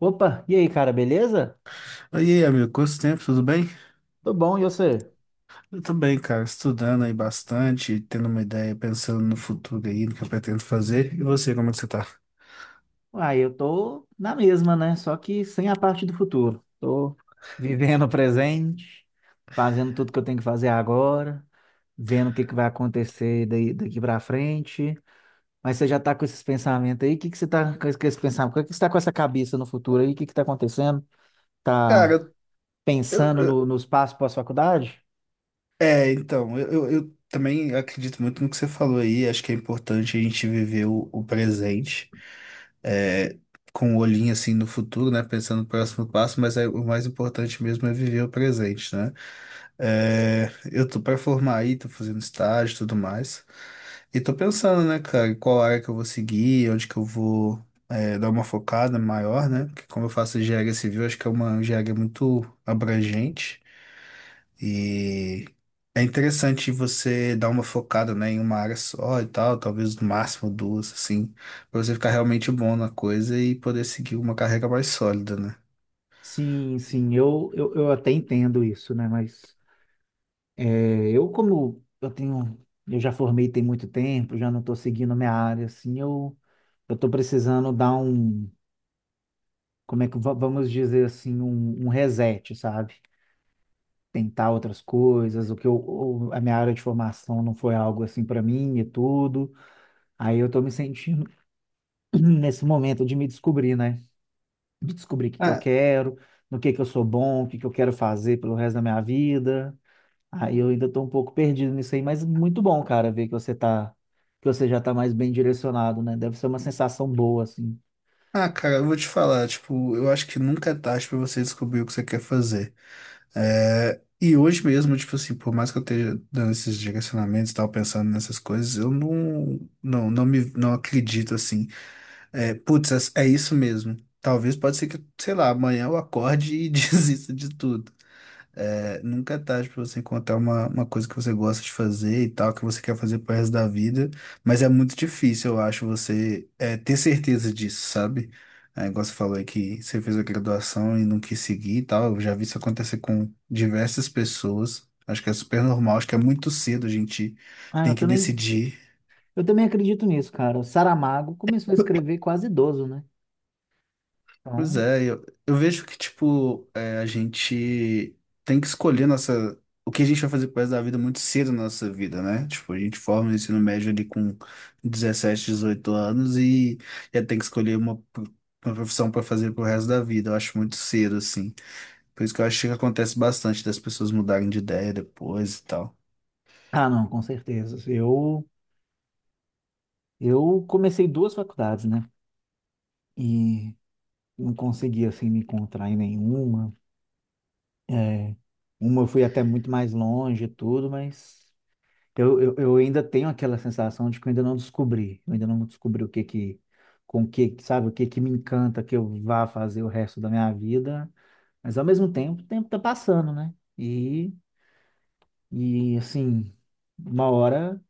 Opa, e aí, cara, beleza? Oi, amigo, quanto tempo, tudo bem? Tô bom, e você? Eu tô bem, cara, estudando aí bastante, tendo uma ideia, pensando no futuro aí, no que eu pretendo fazer. E você, como é que você tá? Uai, eu tô na mesma, né? Só que sem a parte do futuro. Tô vivendo o presente, fazendo tudo que eu tenho que fazer agora, vendo o que que vai acontecer daí, daqui pra frente. Mas você já tá com esses pensamentos aí? O que que você tá com esses pensamentos? O que que você tá com essa cabeça no futuro aí? O que que tá acontecendo? Cara, Tá eu, pensando eu- no, nos passos pós-faculdade? Então, eu também acredito muito no que você falou aí, acho que é importante a gente viver o presente, é, com o olhinho assim no futuro, né, pensando no próximo passo, mas o mais importante mesmo é viver o presente, né? Eu tô pra formar aí, tô fazendo estágio e tudo mais. E tô pensando, né, cara, em qual área que eu vou seguir, onde que eu vou dar uma focada maior, né? Porque como eu faço engenharia civil, acho que é uma engenharia muito abrangente e é interessante você dar uma focada, né, em uma área só e tal, talvez no máximo duas, assim, pra você ficar realmente bom na coisa e poder seguir uma carreira mais sólida, né? Sim, sim, eu até entendo isso, né? Mas. É, eu como eu tenho, eu já formei tem muito tempo, já não estou seguindo minha área, assim, eu estou precisando dar um, como é que vamos dizer assim, um reset, sabe? Tentar outras coisas, o que eu, o- a minha área de formação não foi algo assim para mim e tudo. Aí eu estou me sentindo nesse momento de me descobrir, né? De descobrir o que que eu quero, no que eu sou bom, o que que eu quero fazer pelo resto da minha vida. Aí eu ainda tô um pouco perdido nisso aí, mas muito bom, cara, ver que você já tá mais bem direcionado, né? Deve ser uma sensação boa, assim. Ah, cara, eu vou te falar, tipo, eu acho que nunca é tarde pra você descobrir o que você quer fazer. E hoje mesmo, tipo assim, por mais que eu esteja dando esses direcionamentos e tal, pensando nessas coisas, eu não, não, não me, não acredito assim. Putz, é isso mesmo. Talvez pode ser que, sei lá, amanhã eu acorde e desista de tudo. É, nunca é tarde para você encontrar uma coisa que você gosta de fazer e tal, que você quer fazer pro resto da vida, mas é muito difícil, eu acho, você ter certeza disso, sabe? Igual você falou aí que você fez a graduação e não quis seguir e tal, eu já vi isso acontecer com diversas pessoas, acho que é super normal, acho que é muito cedo a gente Ah, tem que decidir. eu também acredito nisso, cara. O Saramago começou a escrever quase idoso, né? Pois Então, é, eu vejo que, tipo, a gente tem que escolher o que a gente vai fazer pro resto da vida muito cedo na nossa vida, né? Tipo, a gente forma o ensino médio ali com 17, 18 anos e já tem que escolher uma profissão para fazer pro resto da vida. Eu acho muito cedo, assim. Por isso que eu acho que acontece bastante das pessoas mudarem de ideia depois e tal. ah, não, com certeza. Eu comecei duas faculdades, né? E não consegui, assim, me encontrar em nenhuma. É, uma eu fui até muito mais longe e tudo, mas eu ainda tenho aquela sensação de que eu ainda não descobri. Eu ainda não descobri o que que, com que, sabe, o que que me encanta que eu vá fazer o resto da minha vida. Mas ao mesmo tempo, o tempo tá passando, né? E assim, uma hora,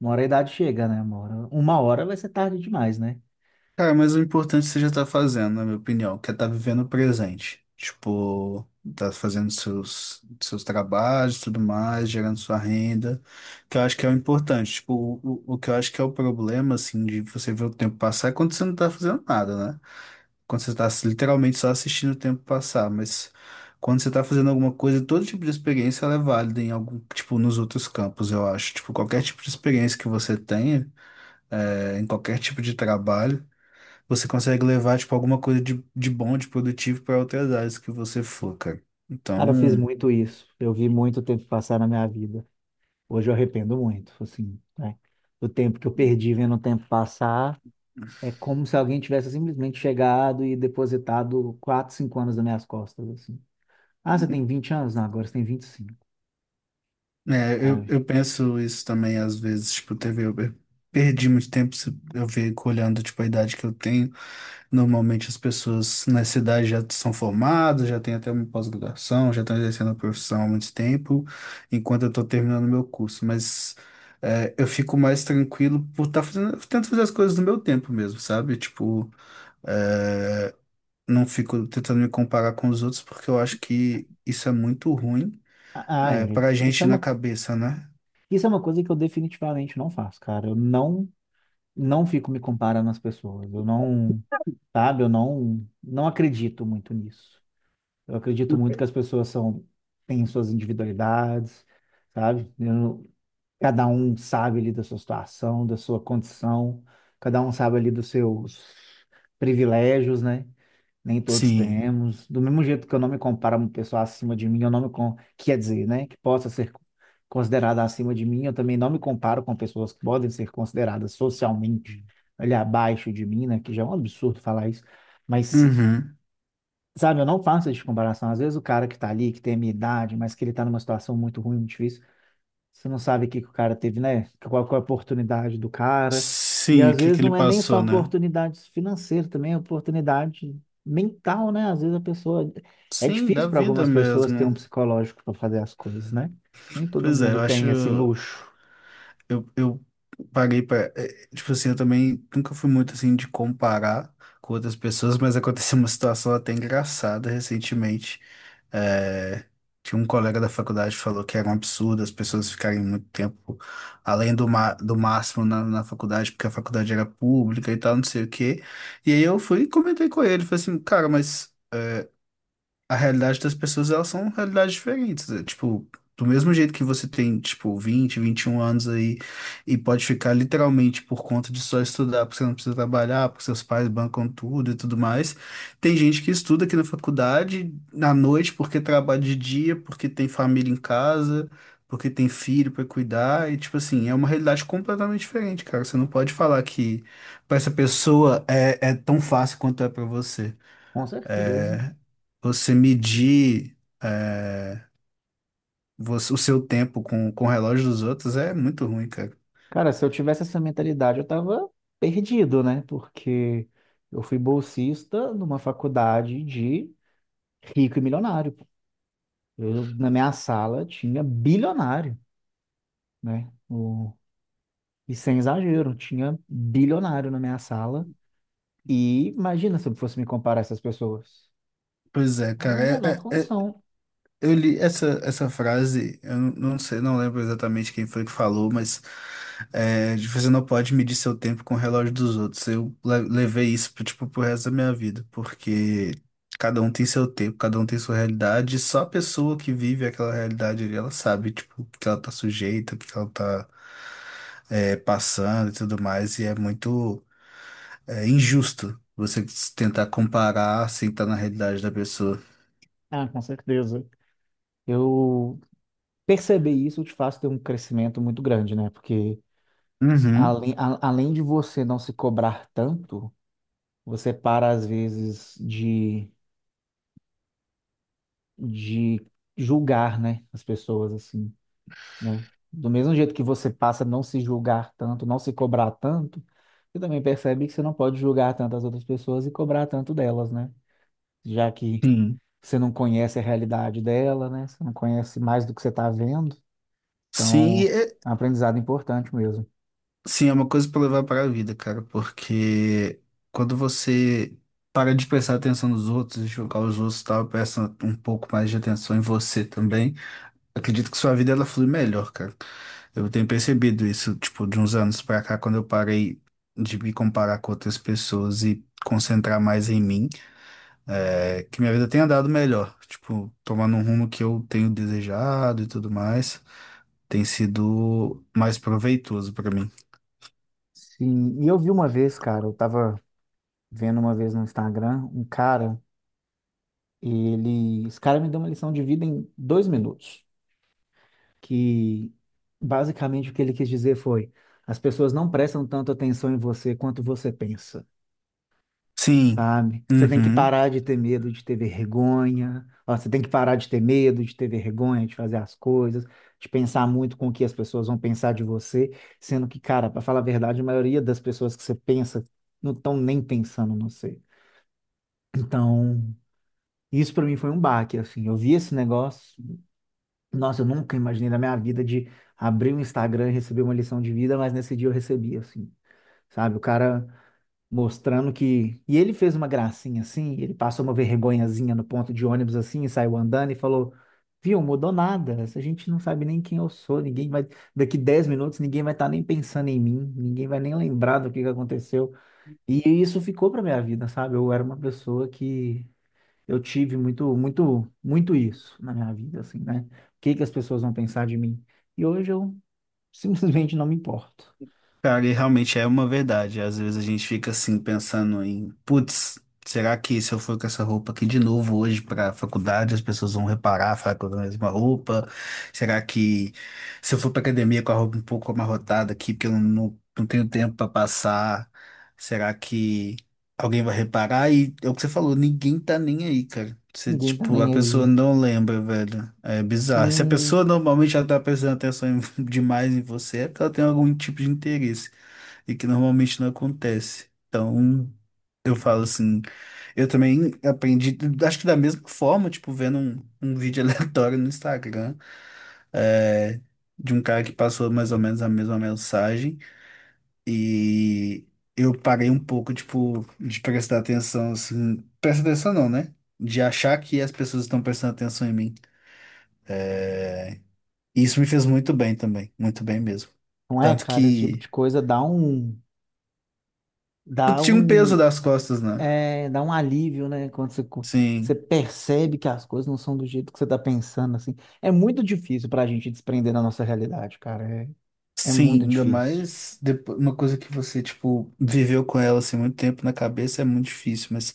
uma hora a idade chega, né? Uma hora vai ser tarde demais, né? Cara, mas o importante você já tá fazendo, na minha opinião, que é tá vivendo o presente. Tipo, tá fazendo seus, seus trabalhos, tudo mais, gerando sua renda, que eu acho que é o importante. Tipo, o que eu acho que é o problema, assim, de você ver o tempo passar é quando você não tá fazendo nada, né? Quando você tá literalmente só assistindo o tempo passar, mas quando você tá fazendo alguma coisa, todo tipo de experiência ela é válida em algum, tipo, nos outros campos, eu acho. Tipo, qualquer tipo de experiência que você tenha, é, em qualquer tipo de trabalho você consegue levar, tipo, alguma coisa de bom, de produtivo para outras áreas que você for, cara. Cara, eu fiz Então, muito isso. Eu vi muito tempo passar na minha vida. Hoje eu arrependo muito, assim, né? O tempo que eu perdi vendo o tempo passar. É como se alguém tivesse simplesmente chegado e depositado 4, 5 anos nas minhas costas, assim. Ah, você tem 20 anos? Não, agora você tem 25. é, eu, Ai, eu penso isso também às vezes, tipo, eu perdi muito tempo, eu fico olhando, tipo, a idade que eu tenho. Normalmente as pessoas na cidade já são formadas, já têm até uma pós-graduação, já estão exercendo a profissão há muito tempo, enquanto eu estou terminando meu curso, mas eu fico mais tranquilo por estar fazendo, tento fazer as coisas no meu tempo mesmo, sabe? Tipo, é, não fico tentando me comparar com os outros, porque eu acho que isso é muito ruim, ah, ai, pra gente na cabeça, né? isso é uma coisa que eu definitivamente não faço, cara. Eu não fico me comparando às pessoas. Eu não, sabe, eu não acredito muito nisso. Eu acredito muito que as pessoas são, têm suas individualidades, sabe? Cada um sabe ali da sua situação, da sua condição, cada um sabe ali dos seus privilégios, né? Nem todos Sim. temos. Do mesmo jeito que eu não me comparo a uma pessoa acima de mim, eu não quer dizer, né? Que possa ser considerada acima de mim, eu também não me comparo com pessoas que podem ser consideradas socialmente ali abaixo de mim, né? Que já é um absurdo falar isso. Mas, Uhum. sabe, eu não faço essa comparação. Às vezes o cara que tá ali, que tem a minha idade, mas que ele tá numa situação muito ruim, muito difícil. Você não sabe o que que o cara teve, né? Qual é a oportunidade do cara. E Sim, o às que vezes que ele não é nem só passou, né? oportunidade financeira, também é oportunidade mental, né? Às vezes a pessoa. É Sim, da difícil para vida algumas pessoas ter um mesmo. psicológico para fazer as coisas, né? Nem todo Pois é, mundo eu tem esse acho. luxo. Eu parei para, tipo assim, eu também nunca fui muito assim de comparar com outras pessoas, mas aconteceu uma situação até engraçada recentemente. É, que um colega da faculdade falou que era um absurdo as pessoas ficarem muito tempo além do máximo na faculdade, porque a faculdade era pública e tal, não sei o quê. E aí eu fui e comentei com ele, falei assim, cara, mas a realidade das pessoas, elas são realidades diferentes. Tipo, do mesmo jeito que você tem, tipo, 20, 21 anos aí e pode ficar literalmente por conta de só estudar, porque você não precisa trabalhar, porque seus pais bancam tudo e tudo mais. Tem gente que estuda aqui na faculdade na noite porque trabalha de dia, porque tem família em casa. Porque tem filho pra cuidar, e tipo assim, é uma realidade completamente diferente, cara. Você não pode falar que pra essa pessoa é tão fácil quanto é pra você. Com certeza. Você medir é, o seu tempo com o relógio dos outros é muito ruim, cara. Cara, se eu tivesse essa mentalidade, eu tava perdido, né? Porque eu fui bolsista numa faculdade de rico e milionário. Eu, na minha sala, tinha bilionário, né? O E sem exagero, tinha bilionário na minha sala. E imagina se eu fosse me comparar a essas pessoas. Pois é, Não tem cara. a menor condição. Eu li essa frase, eu não sei, não lembro exatamente quem foi que falou, mas de você não pode medir seu tempo com o relógio dos outros. Eu levei isso pro, tipo, pro resto da minha vida, porque cada um tem seu tempo, cada um tem sua realidade, e só a pessoa que vive aquela realidade ali, ela sabe, tipo, o que ela tá sujeita, o que ela tá passando e tudo mais, e é muito injusto você tentar comparar sem estar na realidade da pessoa. Ah, com certeza. Eu perceber isso te faz ter um crescimento muito grande, né? Porque Uhum, além de você não se cobrar tanto, você para às vezes de julgar, né? As pessoas, assim, né? Do mesmo jeito que você passa a não se julgar tanto, não se cobrar tanto, você também percebe que você não pode julgar tanto as outras pessoas e cobrar tanto delas, né? Já que sim. você não conhece a realidade dela, né? Você não conhece mais do que você está vendo. Sim, Então, é um aprendizado importante mesmo. sim, é uma coisa pra levar para a vida, cara, porque quando você para de prestar atenção nos outros, julgar os outros e tal, presta um pouco mais de atenção em você também, acredito que sua vida ela flui melhor, cara. Eu tenho percebido isso, tipo, de uns anos pra cá, quando eu parei de me comparar com outras pessoas e concentrar mais em mim, que minha vida tem andado melhor, tipo, tomando um rumo que eu tenho desejado e tudo mais, tem sido mais proveitoso pra mim. Sim, e eu vi uma vez, cara, eu tava vendo uma vez no Instagram, um cara, esse cara me deu uma lição de vida em 2 minutos, que basicamente o que ele quis dizer foi: as pessoas não prestam tanto atenção em você quanto você pensa, Sim. sabe? Você tem que Uhum. parar de ter medo de ter vergonha, ó, você tem que parar de ter medo de ter vergonha de fazer as coisas, de pensar muito com o que as pessoas vão pensar de você, sendo que, cara, para falar a verdade, a maioria das pessoas que você pensa não estão nem pensando no você. Então, isso para mim foi um baque, assim. Eu vi esse negócio. Nossa, eu nunca imaginei na minha vida de abrir o Instagram e receber uma lição de vida, mas nesse dia eu recebi, assim, sabe? O cara mostrando que. E ele fez uma gracinha, assim, ele passou uma vergonhazinha no ponto de ônibus, assim, e saiu andando e falou: Viu, mudou nada, a gente não sabe nem quem eu sou, ninguém vai. Daqui 10 minutos ninguém vai estar nem pensando em mim, ninguém vai nem lembrar do que aconteceu. E isso ficou pra minha vida, sabe? Eu era uma pessoa que. Eu tive muito, muito, muito isso na minha vida, assim, né? O que que as pessoas vão pensar de mim? E hoje eu simplesmente não me importo. Cara, e realmente é uma verdade. Às vezes a gente fica assim pensando em, putz, será que se eu for com essa roupa aqui de novo hoje para faculdade, as pessoas vão reparar, falar que eu uso a mesma roupa? Será que se eu for para academia com a roupa um pouco amarrotada aqui, porque eu não tenho tempo para passar, será que alguém vai reparar e é o que você falou, ninguém tá nem aí, cara. Você, Ninguém tá tipo, a nem pessoa aí. não lembra, velho. É bizarro. Se a Sim, pessoa normalmente já tá prestando atenção demais em você, é porque ela tem algum tipo de interesse. E que normalmente não acontece. Então, eu falo assim, eu também aprendi, acho que da mesma forma, tipo, vendo um vídeo aleatório no Instagram, é, de um cara que passou mais ou menos a mesma mensagem. E eu parei um pouco, tipo, de prestar atenção, assim. Prestar atenção não, né? De achar que as pessoas estão prestando atenção em mim. E isso me fez muito bem também. Muito bem mesmo. não é, Tanto cara? Esse tipo que de coisa eu dá tinha um peso um, das costas, né? Dá um alívio, né? Quando você Sim. percebe que as coisas não são do jeito que você tá pensando, assim. É muito difícil pra gente desprender da nossa realidade, cara. É Sim, muito ainda difícil. mais depois, uma coisa que você, tipo, viveu com ela assim muito tempo na cabeça é muito difícil, mas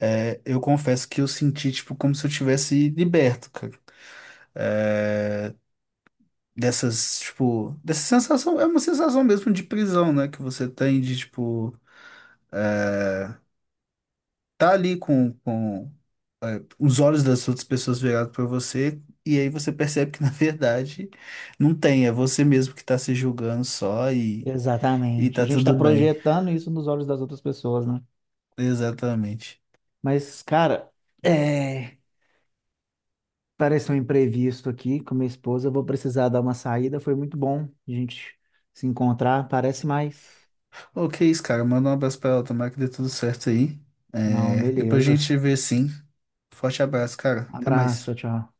eu confesso que eu senti, tipo, como se eu tivesse liberto, tipo, dessa sensação, é uma sensação mesmo de prisão, né, que você tem de, tipo, tá ali com os olhos das outras pessoas virados pra você, e aí você percebe que, na verdade, não tem, é você mesmo que tá se julgando só e Exatamente. A tá gente tá tudo bem. projetando isso nos olhos das outras pessoas, né? Exatamente. Mas, cara, é... apareceu um imprevisto aqui com minha esposa. Eu vou precisar dar uma saída. Foi muito bom a gente se encontrar. Parece mais. Ok, isso, cara, manda um abraço pra ela, tomara que dê tudo certo aí. Não, É, depois a beleza. gente vê sim. Forte abraço, cara. Até Abraço, mais. tchau.